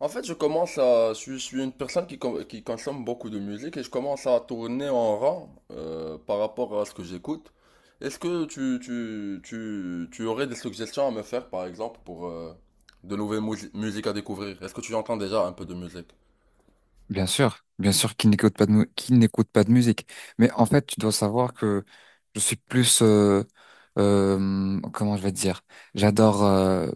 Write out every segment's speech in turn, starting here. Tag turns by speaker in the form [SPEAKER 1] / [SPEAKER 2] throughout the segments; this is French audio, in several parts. [SPEAKER 1] En fait, je commence à, je suis une personne qui consomme beaucoup de musique et je commence à tourner en rang par rapport à ce que j'écoute. Est-ce que tu aurais des suggestions à me faire, par exemple, pour de nouvelles musiques à découvrir? Est-ce que tu entends déjà un peu de musique?
[SPEAKER 2] Bien sûr qu'il n'écoute pas de, mu- qu'il n'écoute pas de musique. Mais en fait, tu dois savoir que je suis plus, comment je vais te dire, j'adore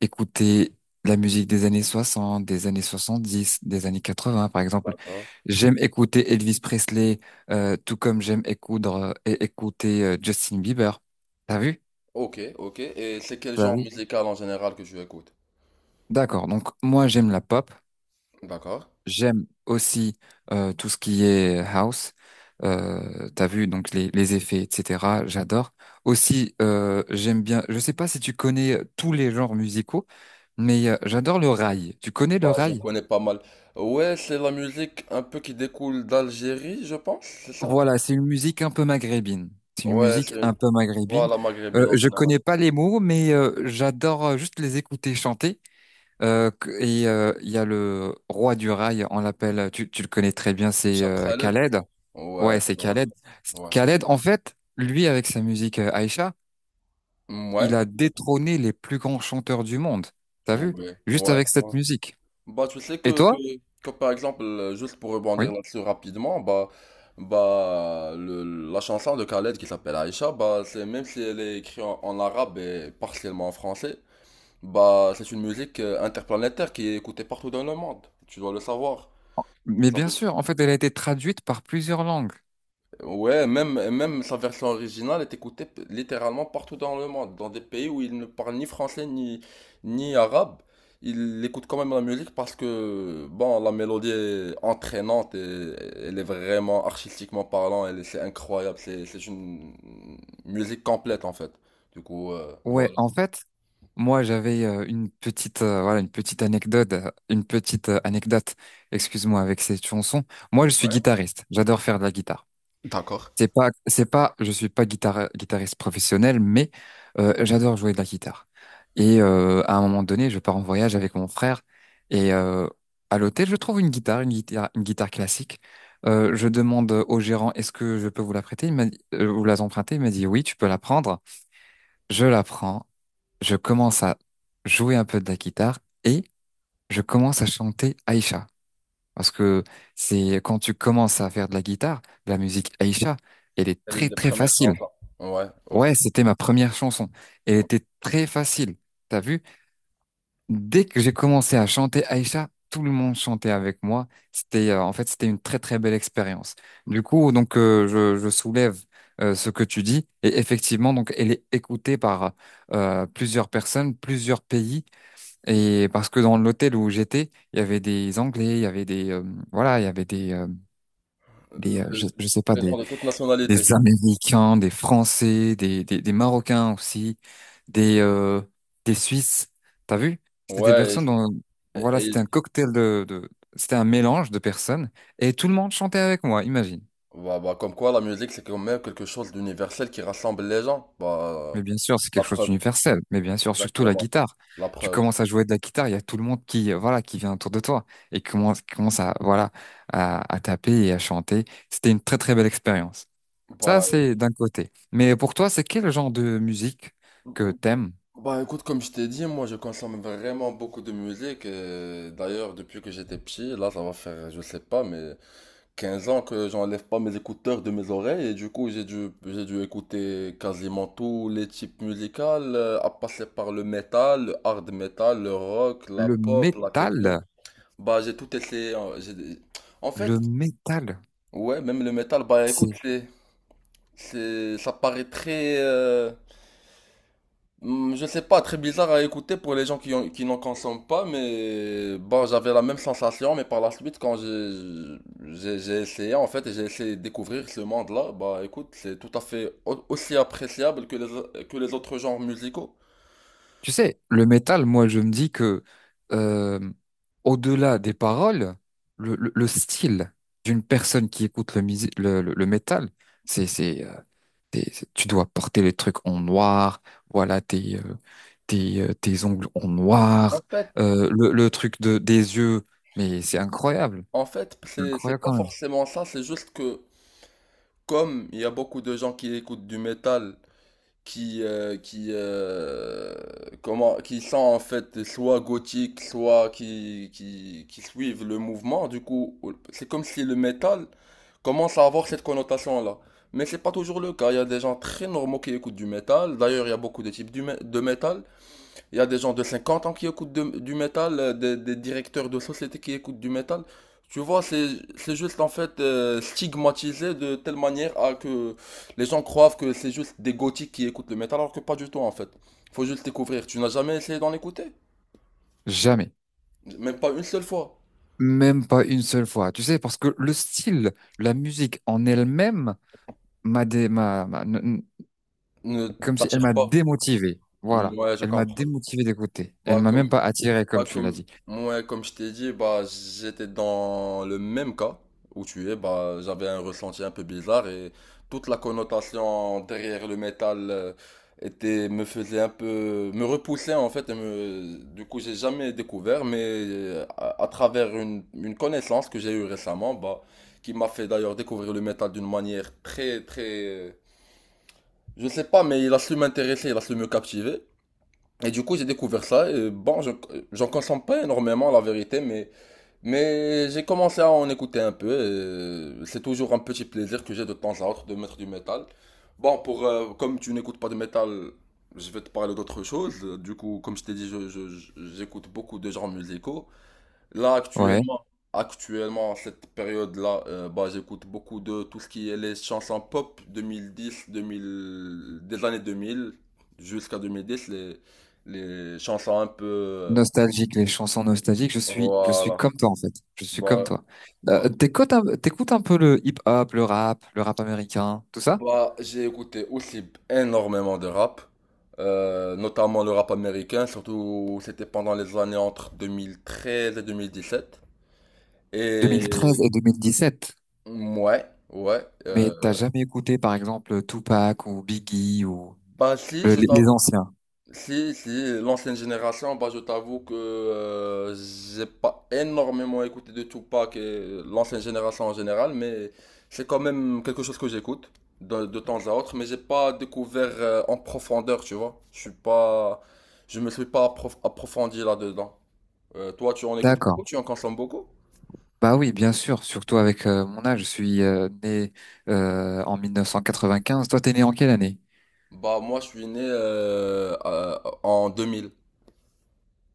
[SPEAKER 2] écouter la musique des années 60, des années 70, des années 80, par exemple.
[SPEAKER 1] D'accord.
[SPEAKER 2] J'aime écouter Elvis Presley, tout comme j'aime et écouter Justin Bieber. T'as vu?
[SPEAKER 1] Ok, ok. Et c'est quel
[SPEAKER 2] T'as
[SPEAKER 1] genre
[SPEAKER 2] vu?
[SPEAKER 1] musical en général que tu écoutes?
[SPEAKER 2] D'accord. Donc moi, j'aime la pop.
[SPEAKER 1] D'accord.
[SPEAKER 2] J'aime aussi tout ce qui est house. T'as vu donc les effets, etc. J'adore. Aussi, j'aime bien. Je sais pas si tu connais tous les genres musicaux, mais j'adore le rail. Tu connais le
[SPEAKER 1] Bah, je
[SPEAKER 2] rail?
[SPEAKER 1] connais pas mal. Ouais, c'est la musique un peu qui découle d'Algérie, je pense, c'est ça?
[SPEAKER 2] Voilà, c'est une musique un peu maghrébine. C'est une
[SPEAKER 1] Ouais,
[SPEAKER 2] musique
[SPEAKER 1] c'est...
[SPEAKER 2] un peu maghrébine.
[SPEAKER 1] Voilà,
[SPEAKER 2] Euh,
[SPEAKER 1] maghrébine en
[SPEAKER 2] je
[SPEAKER 1] général.
[SPEAKER 2] connais pas les mots, mais j'adore juste les écouter chanter. Et il y a le roi du rail, on l'appelle, tu le connais très bien, c'est
[SPEAKER 1] Chaprelet?
[SPEAKER 2] Khaled.
[SPEAKER 1] Ouais,
[SPEAKER 2] Ouais,
[SPEAKER 1] c'est
[SPEAKER 2] c'est
[SPEAKER 1] drôle.
[SPEAKER 2] Khaled.
[SPEAKER 1] Ouais.
[SPEAKER 2] Khaled, en fait, lui, avec sa musique Aïcha,
[SPEAKER 1] Mm, ouais.
[SPEAKER 2] il a détrôné les plus grands chanteurs du monde. T'as vu?
[SPEAKER 1] Ouais.
[SPEAKER 2] Juste
[SPEAKER 1] Ouais.
[SPEAKER 2] avec
[SPEAKER 1] Ouais.
[SPEAKER 2] cette musique.
[SPEAKER 1] Bah, tu sais
[SPEAKER 2] Et
[SPEAKER 1] que, que,
[SPEAKER 2] toi?
[SPEAKER 1] que, par exemple, juste pour rebondir
[SPEAKER 2] Oui.
[SPEAKER 1] là-dessus rapidement, bah la chanson de Khaled qui s'appelle Aïcha, bah, c'est, même si elle est écrite en arabe et partiellement en français, bah, c'est une musique interplanétaire qui est écoutée partout dans le monde. Tu dois le savoir.
[SPEAKER 2] Mais bien sûr, en fait, elle a été traduite par plusieurs langues.
[SPEAKER 1] Ouais, même sa version originale est écoutée littéralement partout dans le monde, dans des pays où il ne parle ni français ni arabe. Il écoute quand même la musique parce que, bon, la mélodie est entraînante et elle est vraiment artistiquement parlant, c'est incroyable, c'est une musique complète en fait. Du coup,
[SPEAKER 2] Ouais,
[SPEAKER 1] voilà.
[SPEAKER 2] en fait, moi, j'avais une petite, voilà, une petite anecdote, excuse-moi, avec cette chanson. Moi, je suis
[SPEAKER 1] Ouais.
[SPEAKER 2] guitariste. J'adore faire de la guitare.
[SPEAKER 1] D'accord.
[SPEAKER 2] C'est pas, je suis pas guitariste professionnel, mais j'adore jouer de la guitare. Et à un moment donné, je pars en voyage avec mon frère et à l'hôtel, je trouve une guitare classique. Je demande au gérant, est-ce que je peux vous la prêter? Il m'a dit, vous la emprunter? Il m'a dit, oui, tu peux la prendre. Je la prends, je commence à jouer un peu de la guitare et je commence à chanter Aïcha. Parce que c'est quand tu commences à faire de la guitare, de la musique Aïcha, elle est
[SPEAKER 1] C'est l'une
[SPEAKER 2] très
[SPEAKER 1] des
[SPEAKER 2] très
[SPEAKER 1] premières
[SPEAKER 2] facile.
[SPEAKER 1] chansons. Ouais, ok.
[SPEAKER 2] Ouais, c'était ma première chanson. Elle était très facile. T'as vu? Dès que j'ai commencé à chanter Aïcha, tout le monde chantait avec moi. En fait, c'était une très très belle expérience. Du coup, donc je soulève ce que tu dis et effectivement, donc elle est écoutée par plusieurs personnes, plusieurs pays et parce que dans l'hôtel où j'étais, il y avait des Anglais, il y avait des voilà, il y avait des je,
[SPEAKER 1] De-
[SPEAKER 2] je sais pas
[SPEAKER 1] Des gens
[SPEAKER 2] des
[SPEAKER 1] de toute nationalité.
[SPEAKER 2] Américains, des Français, des Marocains aussi, des, euh, des Suisses. T'as vu? C'était des
[SPEAKER 1] Ouais,
[SPEAKER 2] personnes dont,
[SPEAKER 1] et,
[SPEAKER 2] voilà,
[SPEAKER 1] et-
[SPEAKER 2] c'était
[SPEAKER 1] et
[SPEAKER 2] un cocktail de, c'était un mélange de personnes et tout le monde chantait avec moi, imagine.
[SPEAKER 1] bah, comme quoi la musique c'est quand même quelque chose d'universel qui rassemble les gens. Bah,
[SPEAKER 2] Mais bien sûr, c'est
[SPEAKER 1] la
[SPEAKER 2] quelque chose
[SPEAKER 1] preuve,
[SPEAKER 2] d'universel. Mais bien sûr, surtout la
[SPEAKER 1] exactement.
[SPEAKER 2] guitare.
[SPEAKER 1] La
[SPEAKER 2] Tu
[SPEAKER 1] preuve.
[SPEAKER 2] commences à jouer de la guitare, il y a tout le monde qui, voilà, qui vient autour de toi et qui commence à, voilà, à taper et à chanter. C'était une très, très belle expérience. Ça,
[SPEAKER 1] Bah,
[SPEAKER 2] c'est d'un côté. Mais pour toi, c'est quel genre de musique que t'aimes?
[SPEAKER 1] écoute, comme je t'ai dit, moi je consomme vraiment beaucoup de musique. Et d'ailleurs, depuis que j'étais petit, là ça va faire, je sais pas, mais 15 ans que j'enlève pas mes écouteurs de mes oreilles. Et du coup, j'ai dû écouter quasiment tous les types musicaux, à passer par le metal, le hard metal, le rock, la
[SPEAKER 2] Le
[SPEAKER 1] pop, la techno.
[SPEAKER 2] métal,
[SPEAKER 1] Bah j'ai tout essayé, hein, En fait,
[SPEAKER 2] le métal,
[SPEAKER 1] ouais, même le métal, bah écoute,
[SPEAKER 2] c'est...
[SPEAKER 1] c'est, ça paraît très, je sais pas, très bizarre à écouter pour les gens qui n'en consomment pas, mais bon, j'avais la même sensation, mais par la suite, quand j'ai essayé en fait, et j'ai essayé de découvrir ce monde-là, bah écoute, c'est tout à fait aussi appréciable que les autres genres musicaux.
[SPEAKER 2] Tu sais, le métal, moi, je me dis que euh, au-delà des paroles, le style d'une personne qui écoute le, musi- le métal, c'est, c'est, euh, tu dois porter les trucs en noir, voilà, tes ongles en
[SPEAKER 1] En
[SPEAKER 2] noir,
[SPEAKER 1] fait,
[SPEAKER 2] le truc de, des yeux, mais
[SPEAKER 1] en fait,
[SPEAKER 2] c'est
[SPEAKER 1] c'est, c'est
[SPEAKER 2] incroyable
[SPEAKER 1] pas
[SPEAKER 2] quand même.
[SPEAKER 1] forcément ça, c'est juste que comme il y a beaucoup de gens qui écoutent du métal qui, euh, qui, euh, qui sont en fait soit gothiques, soit qui suivent le mouvement. Du coup, c'est comme si le métal commence à avoir cette connotation-là. Mais c'est pas toujours le cas. Il y a des gens très normaux qui écoutent du métal. D'ailleurs, il y a beaucoup de types de métal. Il y a des gens de 50 ans qui écoutent du métal, des directeurs de société qui écoutent du métal. Tu vois, c'est juste en fait stigmatisé de telle manière à que les gens croient que c'est juste des gothiques qui écoutent le métal, alors que pas du tout en fait. Faut juste découvrir. Tu n'as jamais essayé d'en écouter?
[SPEAKER 2] Jamais.
[SPEAKER 1] Même pas une seule fois.
[SPEAKER 2] Même pas une seule fois, tu sais, parce que le style, la musique en elle-même m'a dé- m'a- m'a- n- n-
[SPEAKER 1] Ne
[SPEAKER 2] comme si elle
[SPEAKER 1] t'attire
[SPEAKER 2] m'a
[SPEAKER 1] pas.
[SPEAKER 2] démotivé. Voilà,
[SPEAKER 1] Ouais, je
[SPEAKER 2] elle m'a
[SPEAKER 1] comprends.
[SPEAKER 2] démotivé d'écouter. Elle
[SPEAKER 1] Bah,
[SPEAKER 2] m'a même pas attiré, comme
[SPEAKER 1] Bah,
[SPEAKER 2] tu l'as
[SPEAKER 1] comme,
[SPEAKER 2] dit.
[SPEAKER 1] ouais, comme je t'ai dit, bah, j'étais dans le même cas où tu es. Bah, j'avais un ressenti un peu bizarre et toute la connotation derrière le métal me faisait un peu, me repoussait en fait. Et du coup, j'ai jamais découvert, mais à travers une connaissance que j'ai eue récemment, bah, qui m'a fait d'ailleurs découvrir le métal d'une manière très, très, je sais pas, mais il a su m'intéresser, il a su me captiver. Et du coup, j'ai découvert ça. Et bon, j'en consomme pas énormément, la vérité, mais j'ai commencé à en écouter un peu. Et c'est toujours un petit plaisir que j'ai de temps à autre de mettre du métal. Bon, comme tu n'écoutes pas de métal, je vais te parler d'autre chose. Du coup, comme je t'ai dit, j'écoute beaucoup de genres musicaux. Là,
[SPEAKER 2] Ouais,
[SPEAKER 1] actuellement, en cette période-là, bah, j'écoute beaucoup de tout ce qui est les chansons pop 2010, 2000, des années 2000 jusqu'à 2010, les chansons un peu.
[SPEAKER 2] nostalgique, les chansons nostalgiques. Je suis
[SPEAKER 1] Voilà.
[SPEAKER 2] comme toi en fait. Je suis comme
[SPEAKER 1] Bah,
[SPEAKER 2] toi.
[SPEAKER 1] bah,
[SPEAKER 2] T'écoutes un peu le hip-hop, le rap américain, tout ça?
[SPEAKER 1] Bah, j'ai écouté aussi énormément de rap, notamment le rap américain, surtout c'était pendant les années entre 2013 et 2017.
[SPEAKER 2] 2013
[SPEAKER 1] Et.
[SPEAKER 2] et 2017.
[SPEAKER 1] Ouais, ouais.
[SPEAKER 2] Mais t'as jamais écouté, par exemple, Tupac ou Biggie ou
[SPEAKER 1] Bah si,
[SPEAKER 2] le-
[SPEAKER 1] je
[SPEAKER 2] les
[SPEAKER 1] t'avoue.
[SPEAKER 2] les anciens.
[SPEAKER 1] Si, si, l'ancienne génération, bah, je t'avoue que j'ai pas énormément écouté de Tupac et l'ancienne génération en général, mais c'est quand même quelque chose que j'écoute de temps à autre, mais j'ai pas découvert en profondeur, tu vois. Je me suis pas approfondi là-dedans. Toi, tu en écoutes beaucoup,
[SPEAKER 2] D'accord.
[SPEAKER 1] tu en consommes beaucoup?
[SPEAKER 2] Bah oui, bien sûr, surtout avec mon âge. Je suis né en 1995. Toi, t'es né en quelle année?
[SPEAKER 1] Bah, moi, je suis né en 2000.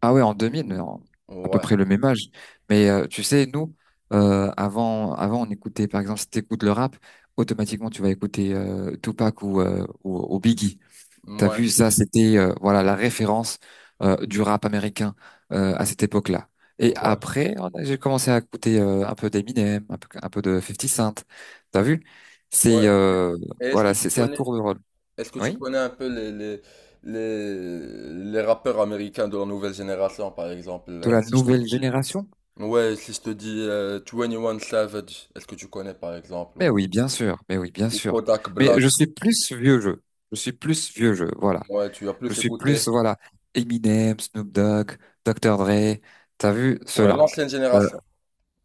[SPEAKER 2] Ah ouais, en 2000, à peu
[SPEAKER 1] Ouais,
[SPEAKER 2] près le même âge. Mais tu sais, nous, avant, avant, on écoutait, par exemple, si t'écoutes le rap, automatiquement, tu vas écouter Tupac ou Biggie. T'as
[SPEAKER 1] ouais,
[SPEAKER 2] vu ça, c'était voilà la référence du rap américain à cette époque-là. Et
[SPEAKER 1] ouais,
[SPEAKER 2] après, j'ai commencé à écouter un peu d'Eminem, un peu de Fifty Cent. T'as vu?
[SPEAKER 1] ouais.
[SPEAKER 2] C'est
[SPEAKER 1] Et est-ce que
[SPEAKER 2] voilà,
[SPEAKER 1] tu
[SPEAKER 2] c'est à
[SPEAKER 1] connais?
[SPEAKER 2] tour de rôle.
[SPEAKER 1] Est-ce que tu
[SPEAKER 2] Oui,
[SPEAKER 1] connais un peu les rappeurs américains de la nouvelle génération, par exemple,
[SPEAKER 2] de la
[SPEAKER 1] si je te
[SPEAKER 2] nouvelle
[SPEAKER 1] dis...
[SPEAKER 2] génération.
[SPEAKER 1] Ouais, si je te dis 21 Savage, est-ce que tu connais, par exemple,
[SPEAKER 2] Mais oui, bien sûr. Mais oui, bien
[SPEAKER 1] ou
[SPEAKER 2] sûr.
[SPEAKER 1] Kodak
[SPEAKER 2] Mais je
[SPEAKER 1] Black?
[SPEAKER 2] suis plus vieux jeu. Je suis plus vieux jeu. Voilà.
[SPEAKER 1] Ouais, tu as
[SPEAKER 2] Je
[SPEAKER 1] plus
[SPEAKER 2] suis plus
[SPEAKER 1] écouté.
[SPEAKER 2] voilà Eminem, Snoop Dogg, Dr. Dre. T'as vu
[SPEAKER 1] Ouais,
[SPEAKER 2] cela?
[SPEAKER 1] l'ancienne
[SPEAKER 2] Euh,
[SPEAKER 1] génération.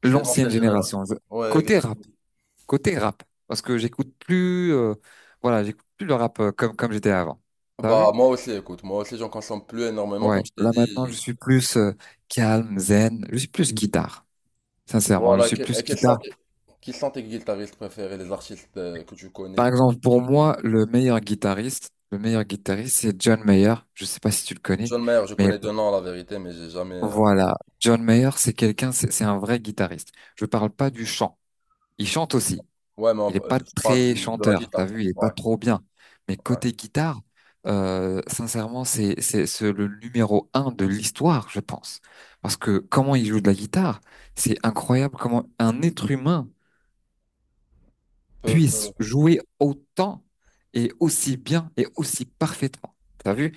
[SPEAKER 1] C'est
[SPEAKER 2] l'ancienne
[SPEAKER 1] l'ancienne génération.
[SPEAKER 2] génération.
[SPEAKER 1] Ouais,
[SPEAKER 2] Côté
[SPEAKER 1] exact.
[SPEAKER 2] rap. Parce que j'écoute plus, voilà, j'écoute plus le rap comme j'étais avant. T'as
[SPEAKER 1] Bah,
[SPEAKER 2] vu?
[SPEAKER 1] moi aussi, écoute, moi aussi, j'en consomme plus énormément,
[SPEAKER 2] Ouais.
[SPEAKER 1] comme je t'ai
[SPEAKER 2] Là maintenant, je
[SPEAKER 1] dit.
[SPEAKER 2] suis plus calme, zen. Je suis plus guitare. Sincèrement, je
[SPEAKER 1] Voilà,
[SPEAKER 2] suis
[SPEAKER 1] et
[SPEAKER 2] plus
[SPEAKER 1] quels sont
[SPEAKER 2] guitare.
[SPEAKER 1] qui sont tes guitaristes préférés, les artistes que tu
[SPEAKER 2] Par
[SPEAKER 1] connais
[SPEAKER 2] exemple,
[SPEAKER 1] qui
[SPEAKER 2] pour
[SPEAKER 1] jouent de la
[SPEAKER 2] moi,
[SPEAKER 1] guitare?
[SPEAKER 2] le meilleur guitariste, c'est John Mayer. Je sais pas si tu le connais,
[SPEAKER 1] John Mayer, je
[SPEAKER 2] mais
[SPEAKER 1] connais deux noms, la vérité, mais j'ai jamais...
[SPEAKER 2] voilà, John Mayer, c'est quelqu'un, c'est un vrai guitariste. Je parle pas du chant. Il chante aussi,
[SPEAKER 1] Ouais, mais
[SPEAKER 2] il est pas
[SPEAKER 1] tu parles
[SPEAKER 2] très
[SPEAKER 1] de la
[SPEAKER 2] chanteur, t'as
[SPEAKER 1] guitare, ça.
[SPEAKER 2] vu, il est pas
[SPEAKER 1] Ouais,
[SPEAKER 2] trop bien. Mais
[SPEAKER 1] ouais.
[SPEAKER 2] côté guitare, sincèrement, c'est le numéro 1 de l'histoire, je pense. Parce que comment il joue de la guitare, c'est incroyable comment un être humain
[SPEAKER 1] Peu,
[SPEAKER 2] puisse
[SPEAKER 1] peu,
[SPEAKER 2] jouer autant et aussi bien et aussi parfaitement. T'as vu?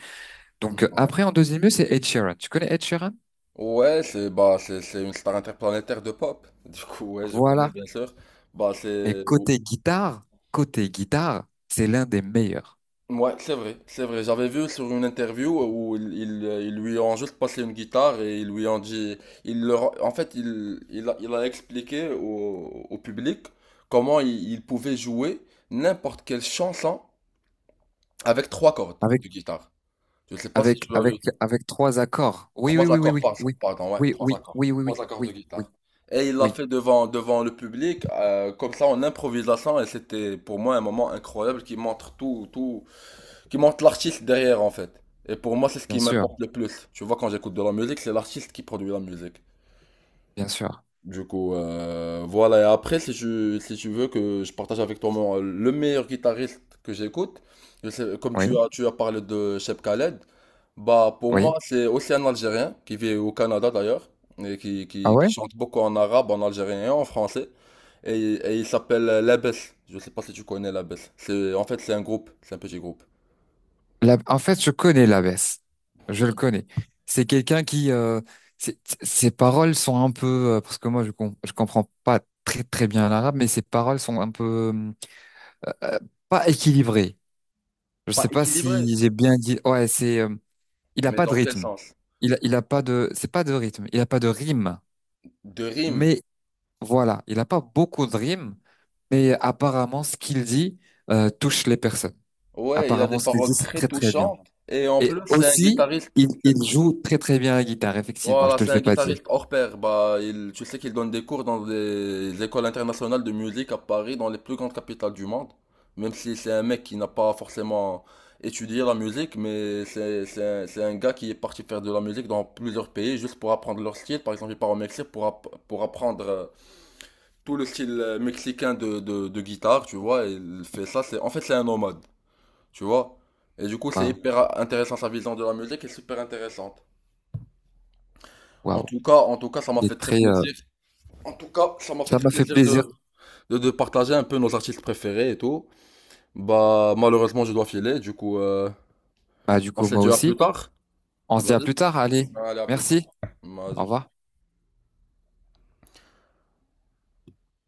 [SPEAKER 2] Donc
[SPEAKER 1] ouais.
[SPEAKER 2] après, en deuxième lieu, c'est Ed Sheeran. Tu connais Ed Sheeran?
[SPEAKER 1] Ouais, c'est bah, c'est une star interplanétaire de pop. Du coup, ouais, je connais
[SPEAKER 2] Voilà.
[SPEAKER 1] bien sûr. Bah,
[SPEAKER 2] Et
[SPEAKER 1] c'est
[SPEAKER 2] côté guitare, c'est l'un des meilleurs.
[SPEAKER 1] ouais, c'est vrai, c'est vrai. J'avais vu sur une interview où ils lui ont juste passé une guitare et ils lui ont dit, il leur, en fait, il a expliqué au public comment il pouvait jouer n'importe quelle chanson avec trois cordes
[SPEAKER 2] Avec
[SPEAKER 1] de guitare. Je sais pas si
[SPEAKER 2] Avec,
[SPEAKER 1] tu as vu
[SPEAKER 2] avec, avec trois accords. Oui, oui,
[SPEAKER 1] Trois
[SPEAKER 2] oui, oui,
[SPEAKER 1] accords
[SPEAKER 2] oui,
[SPEAKER 1] par jour,
[SPEAKER 2] oui,
[SPEAKER 1] pardon, ouais,
[SPEAKER 2] oui,
[SPEAKER 1] trois
[SPEAKER 2] oui,
[SPEAKER 1] accords.
[SPEAKER 2] oui, oui, oui,
[SPEAKER 1] Trois accords de
[SPEAKER 2] oui, oui,
[SPEAKER 1] guitare. Et il l'a
[SPEAKER 2] oui,
[SPEAKER 1] fait devant le public, comme ça en improvisation, et c'était pour moi un moment incroyable qui montre tout, qui montre l'artiste derrière en fait. Et pour moi, c'est ce
[SPEAKER 2] bien
[SPEAKER 1] qui
[SPEAKER 2] sûr,
[SPEAKER 1] m'importe le plus. Tu vois, quand j'écoute de la musique, c'est l'artiste qui produit la musique.
[SPEAKER 2] bien sûr.
[SPEAKER 1] Du coup, voilà. Et après, si tu veux que je partage avec toi le meilleur guitariste que j'écoute, comme
[SPEAKER 2] Oui,
[SPEAKER 1] tu as parlé de Cheb Khaled, bah, pour
[SPEAKER 2] oui.
[SPEAKER 1] moi, c'est aussi un Algérien qui vit au Canada d'ailleurs, et qui,
[SPEAKER 2] Ah
[SPEAKER 1] qui, qui
[SPEAKER 2] ouais?
[SPEAKER 1] chante beaucoup en arabe, en algérien et en français. Et il s'appelle Labès. Je sais pas si tu connais Labès. C'est un petit groupe.
[SPEAKER 2] En fait, je connais l'abbesse. Je le connais. C'est quelqu'un qui, c'est- ses paroles sont un peu, parce que moi, je comprends pas très, très bien l'arabe, mais ses paroles sont un peu, euh, pas équilibrées. Je
[SPEAKER 1] Pas
[SPEAKER 2] sais pas
[SPEAKER 1] équilibré,
[SPEAKER 2] si j'ai bien dit. Ouais, c'est, il a
[SPEAKER 1] mais
[SPEAKER 2] pas de
[SPEAKER 1] dans quel
[SPEAKER 2] rythme.
[SPEAKER 1] sens?
[SPEAKER 2] Il a pas de, c'est pas de rythme. Il a pas de rime.
[SPEAKER 1] De rime.
[SPEAKER 2] Mais voilà, il n'a pas beaucoup de rimes, mais apparemment, ce qu'il dit touche les personnes.
[SPEAKER 1] Ouais, il a
[SPEAKER 2] Apparemment,
[SPEAKER 1] des
[SPEAKER 2] ce qu'il dit,
[SPEAKER 1] paroles
[SPEAKER 2] c'est
[SPEAKER 1] très
[SPEAKER 2] très très bien.
[SPEAKER 1] touchantes. Et en plus,
[SPEAKER 2] Et
[SPEAKER 1] c'est un
[SPEAKER 2] aussi,
[SPEAKER 1] guitariste.
[SPEAKER 2] il joue très très bien la guitare, effectivement, je
[SPEAKER 1] Voilà,
[SPEAKER 2] te le
[SPEAKER 1] c'est un
[SPEAKER 2] fais pas dire.
[SPEAKER 1] guitariste hors pair. Bah, tu sais qu'il donne des cours dans des écoles internationales de musique à Paris, dans les plus grandes capitales du monde. Même si c'est un mec qui n'a pas forcément étudié la musique, mais c'est un gars qui est parti faire de la musique dans plusieurs pays juste pour apprendre leur style. Par exemple, il part au Mexique pour apprendre tout le style mexicain de guitare, tu vois. Et il fait ça, en fait, c'est un nomade, tu vois. Et du coup, c'est
[SPEAKER 2] Waouh,
[SPEAKER 1] hyper intéressant, sa vision de la musique est super intéressante.
[SPEAKER 2] waouh.
[SPEAKER 1] En tout cas, ça m'a
[SPEAKER 2] Il
[SPEAKER 1] fait
[SPEAKER 2] est
[SPEAKER 1] très
[SPEAKER 2] très.
[SPEAKER 1] plaisir. En tout cas, ça m'a fait
[SPEAKER 2] Ça
[SPEAKER 1] très
[SPEAKER 2] m'a fait
[SPEAKER 1] plaisir
[SPEAKER 2] plaisir.
[SPEAKER 1] de partager un peu nos artistes préférés et tout. Bah, malheureusement, je dois filer, du coup,
[SPEAKER 2] Bah, du
[SPEAKER 1] on
[SPEAKER 2] coup,
[SPEAKER 1] se
[SPEAKER 2] moi
[SPEAKER 1] dit à plus
[SPEAKER 2] aussi.
[SPEAKER 1] tard.
[SPEAKER 2] On se dit à
[SPEAKER 1] Vas-y.
[SPEAKER 2] plus tard, allez.
[SPEAKER 1] Allez, à plus tard.
[SPEAKER 2] Merci, au
[SPEAKER 1] Vas-y.
[SPEAKER 2] revoir.